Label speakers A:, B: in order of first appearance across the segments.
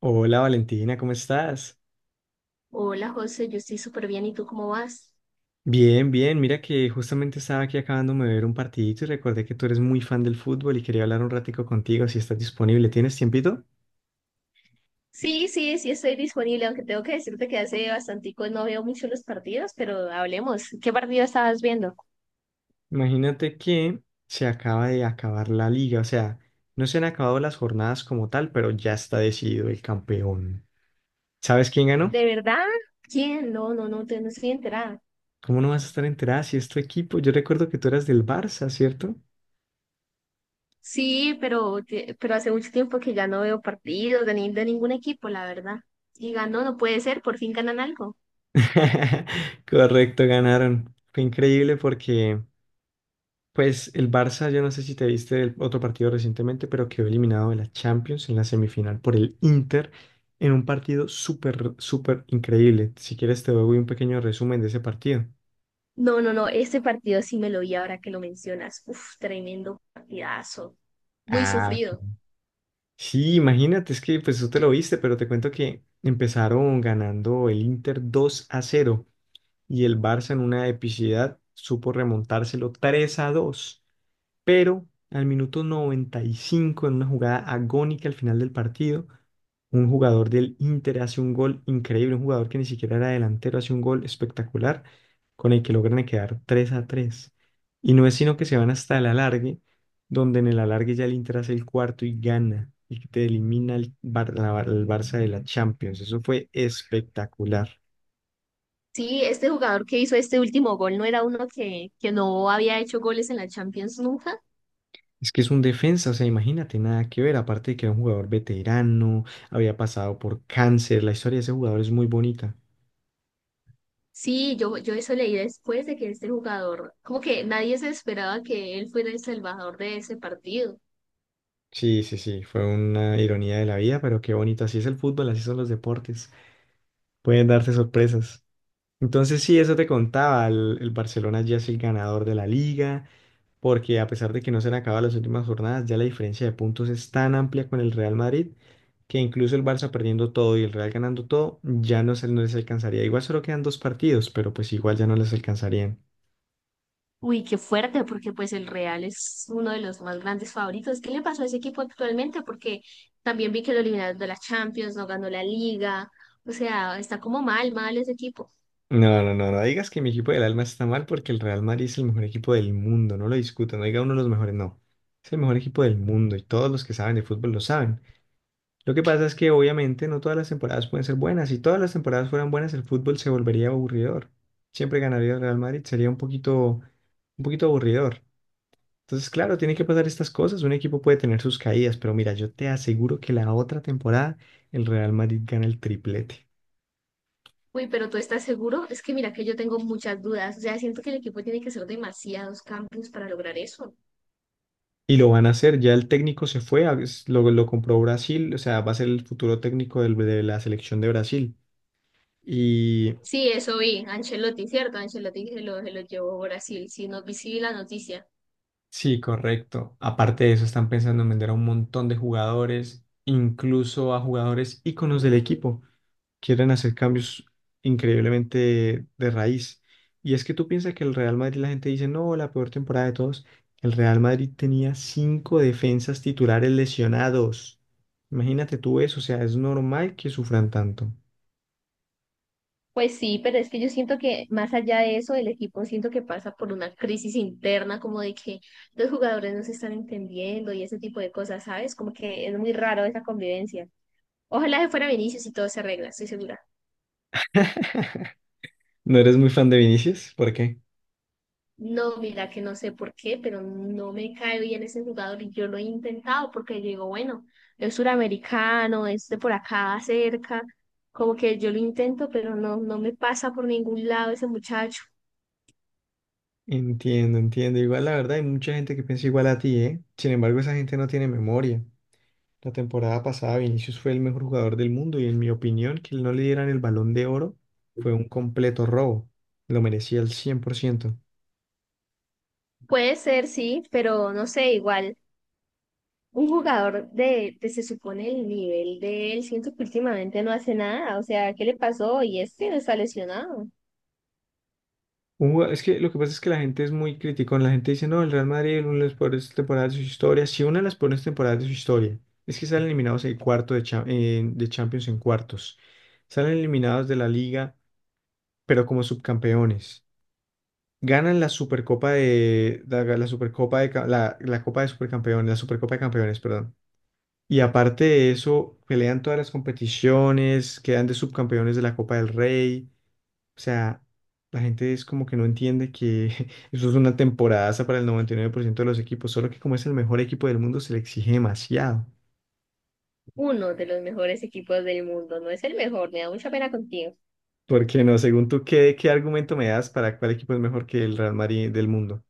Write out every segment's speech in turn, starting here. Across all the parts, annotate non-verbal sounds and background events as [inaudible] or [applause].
A: Hola Valentina, ¿cómo estás?
B: Hola José, yo estoy súper bien. ¿Y tú cómo vas?
A: Bien, bien, mira que justamente estaba aquí acabándome de ver un partidito y recordé que tú eres muy fan del fútbol y quería hablar un ratico contigo si estás disponible. ¿Tienes tiempito?
B: Sí, sí, sí estoy disponible, aunque tengo que decirte que hace bastantico no veo mucho los partidos, pero hablemos. ¿Qué partido estabas viendo?
A: Imagínate que se acaba de acabar la liga, o sea, no se han acabado las jornadas como tal, pero ya está decidido el campeón. ¿Sabes quién ganó?
B: ¿De verdad? ¿Quién? No, no, no, no estoy enterada.
A: ¿Cómo no vas a estar enterada si es tu equipo? Yo recuerdo que tú eras del Barça, ¿cierto?
B: Sí, pero, pero hace mucho tiempo que ya no veo partidos de, ni- de ningún equipo, la verdad. Y ganó, no puede ser, por fin ganan algo.
A: [laughs] Correcto, ganaron. Fue increíble porque, pues, el Barça, yo no sé si te viste el otro partido recientemente, pero quedó eliminado de la Champions en la semifinal por el Inter en un partido súper, súper increíble. Si quieres te doy un pequeño resumen de ese partido.
B: No, no, no, este partido sí me lo vi ahora que lo mencionas. Uf, tremendo partidazo. Muy
A: Ah, ok.
B: sufrido.
A: Sí, imagínate, es que pues tú te lo viste, pero te cuento que empezaron ganando el Inter 2-0 y el Barça en una epicidad supo remontárselo 3-2. Pero al minuto 95 en una jugada agónica al final del partido, un jugador del Inter hace un gol increíble, un jugador que ni siquiera era delantero, hace un gol espectacular, con el que logran quedar 3-3. Y no es sino que se van hasta el alargue, donde en el alargue ya el Inter hace el cuarto y gana, y te elimina el Barça de la Champions. Eso fue espectacular.
B: Sí, este jugador que hizo este último gol no era uno que no había hecho goles en la Champions nunca.
A: Es que es un defensa, o sea, imagínate, nada que ver, aparte de que era un jugador veterano, había pasado por cáncer, la historia de ese jugador es muy bonita.
B: Sí, yo eso leí después de que este jugador, como que nadie se esperaba que él fuera el salvador de ese partido.
A: Sí, sí, sí, fue una ironía de la vida, pero qué bonito, así es el fútbol, así son los deportes, pueden darse sorpresas. Entonces sí, eso te contaba, el Barcelona ya es el ganador de la liga, porque a pesar de que no se han acabado las últimas jornadas, ya la diferencia de puntos es tan amplia con el Real Madrid que incluso el Barça perdiendo todo y el Real ganando todo, ya no les alcanzaría. Igual solo quedan dos partidos, pero pues igual ya no les alcanzarían.
B: Uy, qué fuerte, porque pues el Real es uno de los más grandes favoritos. ¿Qué le pasó a ese equipo actualmente? Porque también vi que lo eliminaron de la Champions, no ganó la Liga. O sea, está como mal, mal ese equipo.
A: No, no, no, no digas que mi equipo del alma está mal porque el Real Madrid es el mejor equipo del mundo, no lo discuto, no diga uno de los mejores, no. Es el mejor equipo del mundo y todos los que saben de fútbol lo saben. Lo que pasa es que obviamente no todas las temporadas pueden ser buenas. Si todas las temporadas fueran buenas, el fútbol se volvería aburridor. Siempre ganaría el Real Madrid, sería un poquito aburridor. Entonces, claro, tiene que pasar estas cosas. Un equipo puede tener sus caídas, pero mira, yo te aseguro que la otra temporada el Real Madrid gana el triplete.
B: Uy, pero ¿tú estás seguro? Es que mira que yo tengo muchas dudas. O sea, siento que el equipo tiene que hacer demasiados cambios para lograr eso.
A: Y lo van a hacer, ya el técnico se fue, lo compró Brasil, o sea, va a ser el futuro técnico de la selección de Brasil.
B: Sí, eso vi. Ancelotti, ¿cierto? Ancelotti se lo llevó a Brasil. Sí, no vi, sí vi la noticia.
A: Sí, correcto. Aparte de eso, están pensando en vender a un montón de jugadores, incluso a jugadores íconos del equipo. Quieren hacer cambios increíblemente de raíz. Y es que tú piensas que el Real Madrid, la gente dice, no, la peor temporada de todos. El Real Madrid tenía cinco defensas titulares lesionados. Imagínate tú eso, o sea, es normal que sufran tanto.
B: Pues sí, pero es que yo siento que más allá de eso, el equipo siento que pasa por una crisis interna, como de que los jugadores no se están entendiendo y ese tipo de cosas, ¿sabes? Como que es muy raro esa convivencia. Ojalá se fuera Vinicius y todo se arregla, estoy segura.
A: ¿No eres muy fan de Vinicius? ¿Por qué?
B: No, mira que no sé por qué, pero no me cae bien ese jugador y yo lo he intentado porque yo digo, bueno, es suramericano, es de por acá cerca, como que yo lo intento, pero no, no me pasa por ningún lado ese muchacho.
A: Entiendo, entiendo. Igual la verdad hay mucha gente que piensa igual a ti, ¿eh? Sin embargo, esa gente no tiene memoria. La temporada pasada Vinicius fue el mejor jugador del mundo y en mi opinión que no le dieran el Balón de Oro fue un completo robo. Lo merecía al 100%.
B: Puede ser, sí, pero no sé, igual un jugador de se supone el nivel de él, siento que últimamente no hace nada, o sea, ¿qué le pasó? Y este no está lesionado.
A: Es que lo que pasa es que la gente es muy crítica. La gente dice, no, el Real Madrid es una de las peores temporadas de su historia. Si una de las peores temporadas de su historia es que salen eliminados en cuarto de, cha- en- de Champions en cuartos. Salen eliminados de la Liga, pero como subcampeones. Ganan la Supercopa de ca- la, la Copa de Supercampeones, la Supercopa de Campeones, perdón. Y aparte de eso, pelean todas las competiciones, quedan de subcampeones de la Copa del Rey. O sea, la gente es como que no entiende que [laughs] eso es una temporadaza para el 99% de los equipos, solo que como es el mejor equipo del mundo se le exige demasiado.
B: Uno de los mejores equipos del mundo, no es el mejor, me da mucha pena contigo.
A: Porque no, según tú, ¿qué argumento me das para cuál equipo es mejor que el Real Madrid del mundo?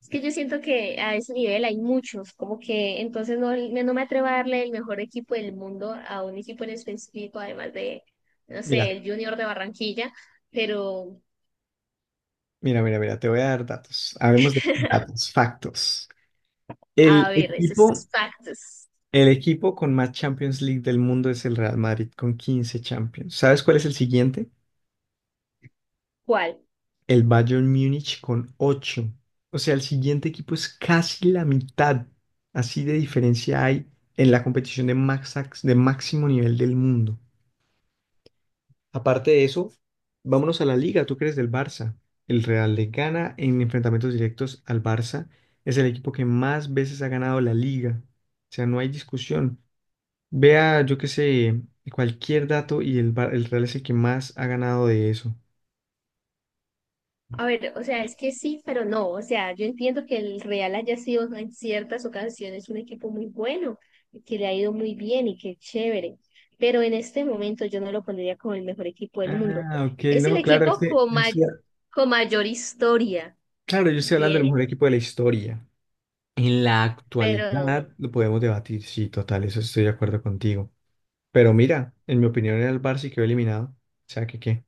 B: Es que yo siento que a ese nivel hay muchos, como que entonces no, no me atrevo a darle el mejor equipo del mundo a un equipo en específico, además de, no
A: Mira,
B: sé, el Junior de Barranquilla, pero
A: mira, mira, mira, te voy a dar datos. Hablemos de datos, factos.
B: a
A: El
B: ver,
A: equipo,
B: esos factos,
A: El equipo con más Champions League del mundo es el Real Madrid con 15 Champions. ¿Sabes cuál es el siguiente?
B: ¿cuál?
A: El Bayern Múnich con 8. O sea, el siguiente equipo es casi la mitad. Así de diferencia hay en la competición de máximo nivel del mundo. Aparte de eso, vámonos a la liga. ¿Tú crees del Barça? El Real le gana en enfrentamientos directos al Barça. Es el equipo que más veces ha ganado la liga. O sea, no hay discusión. Vea, yo qué sé, cualquier dato y el Real es el que más ha ganado de eso.
B: A ver, o sea, es que sí, pero no. O sea, yo entiendo que el Real haya sido en ciertas ocasiones un equipo muy bueno, que le ha ido muy bien y que es chévere. Pero en este momento yo no lo pondría como el mejor equipo del mundo.
A: Ah, ok,
B: Es el
A: no, claro, es
B: equipo
A: que
B: con mayor historia
A: claro, yo
B: que
A: estoy hablando del
B: tiene,
A: mejor equipo de la historia. En la
B: pero
A: actualidad lo podemos debatir, sí, total, eso estoy de acuerdo contigo. Pero mira, en mi opinión era el Barça y quedó eliminado. O sea, que qué.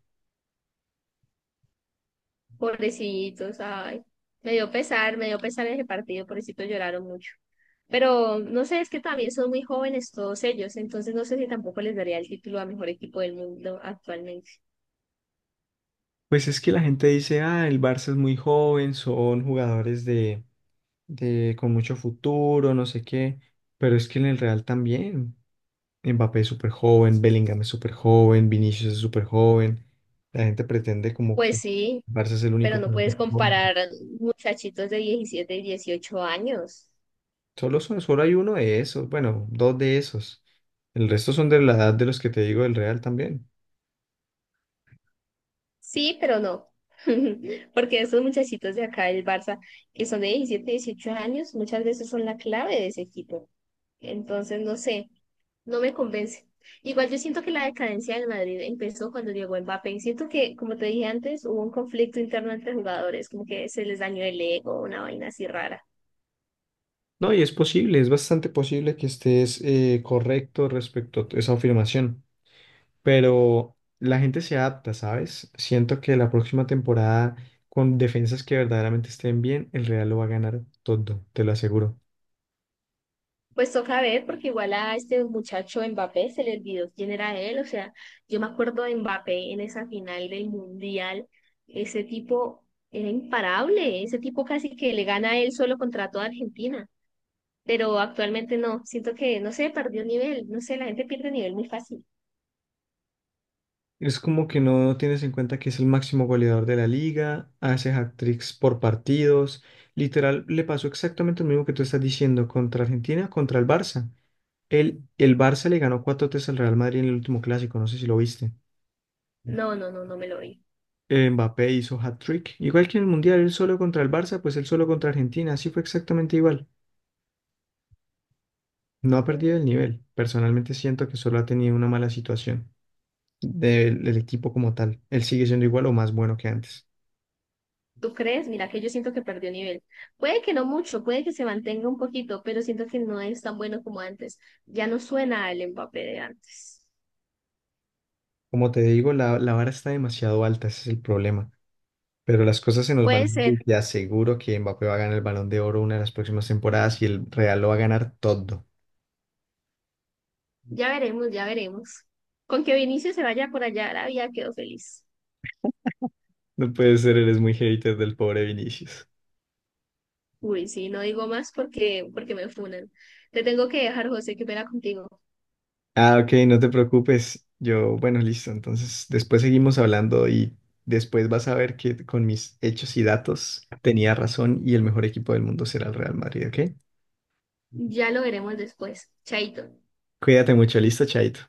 B: pobrecitos, ay. Me dio pesar ese partido, pobrecitos lloraron mucho. Pero no sé, es que también son muy jóvenes todos ellos, entonces no sé si tampoco les daría el título a mejor equipo del mundo actualmente.
A: Pues es que la gente dice, ah, el Barça es muy joven, son jugadores de con mucho futuro, no sé qué, pero es que en el Real también. Mbappé es súper joven, Bellingham es súper joven, Vinicius es súper joven. La gente pretende como
B: Pues
A: que
B: sí,
A: Barça es el
B: pero
A: único que
B: no
A: no es
B: puedes
A: joven.
B: comparar muchachitos de 17 y 18 años.
A: Solo hay uno de esos, bueno, dos de esos. El resto son de la edad de los que te digo del Real también.
B: Sí, pero no. [laughs] Porque esos muchachitos de acá del Barça, que son de 17 y 18 años, muchas veces son la clave de ese equipo. Entonces, no sé, no me convence. Igual yo siento que la decadencia del Madrid empezó cuando llegó Mbappé y siento que, como te dije antes, hubo un conflicto interno entre jugadores, como que se les dañó el ego, una vaina así rara.
A: No, y es posible, es bastante posible que estés correcto respecto a esa afirmación, pero la gente se adapta, ¿sabes? Siento que la próxima temporada, con defensas que verdaderamente estén bien, el Real lo va a ganar todo, te lo aseguro.
B: Pues toca ver, porque igual a este muchacho Mbappé se le olvidó quién era él, o sea, yo me acuerdo de Mbappé en esa final del Mundial, ese tipo era imparable, ese tipo casi que le gana a él solo contra toda Argentina. Pero actualmente no. Siento que, no sé, perdió nivel, no sé, la gente pierde nivel muy fácil.
A: Es como que no tienes en cuenta que es el máximo goleador de la liga, hace hat-tricks por partidos. Literal, le pasó exactamente lo mismo que tú estás diciendo contra Argentina, contra el Barça. El Barça le ganó cuatro 3 al Real Madrid en el último clásico, no sé si lo viste.
B: No, no, no, no me lo doy.
A: Mbappé hizo hat-trick. Igual que en el Mundial, él solo contra el Barça, pues él solo contra Argentina. Así fue exactamente igual. No ha perdido el nivel. Personalmente siento que solo ha tenido una mala situación del equipo como tal. Él sigue siendo igual o más bueno que antes.
B: ¿Tú crees? Mira que yo siento que perdió nivel. Puede que no mucho, puede que se mantenga un poquito, pero siento que no es tan bueno como antes. Ya no suena el Mbappé de antes.
A: Como te digo, la vara está demasiado alta, ese es el problema. Pero las cosas se nos van
B: Puede
A: a dar
B: ser,
A: y te aseguro que Mbappé va a ganar el Balón de Oro una de las próximas temporadas y el Real lo va a ganar todo.
B: ya veremos, ya veremos. Con que Vinicius se vaya por allá a Arabia, quedo feliz.
A: No puede ser, eres muy hater del pobre Vinicius.
B: Uy, sí, no digo más porque me funan. Te tengo que dejar, José, que pena contigo.
A: Ah, ok, no te preocupes. Yo, bueno, listo. Entonces, después seguimos hablando y después vas a ver que con mis hechos y datos tenía razón y el mejor equipo del mundo será el Real Madrid, ¿ok?
B: Ya lo veremos después. Chaito.
A: Cuídate mucho, listo, Chaito.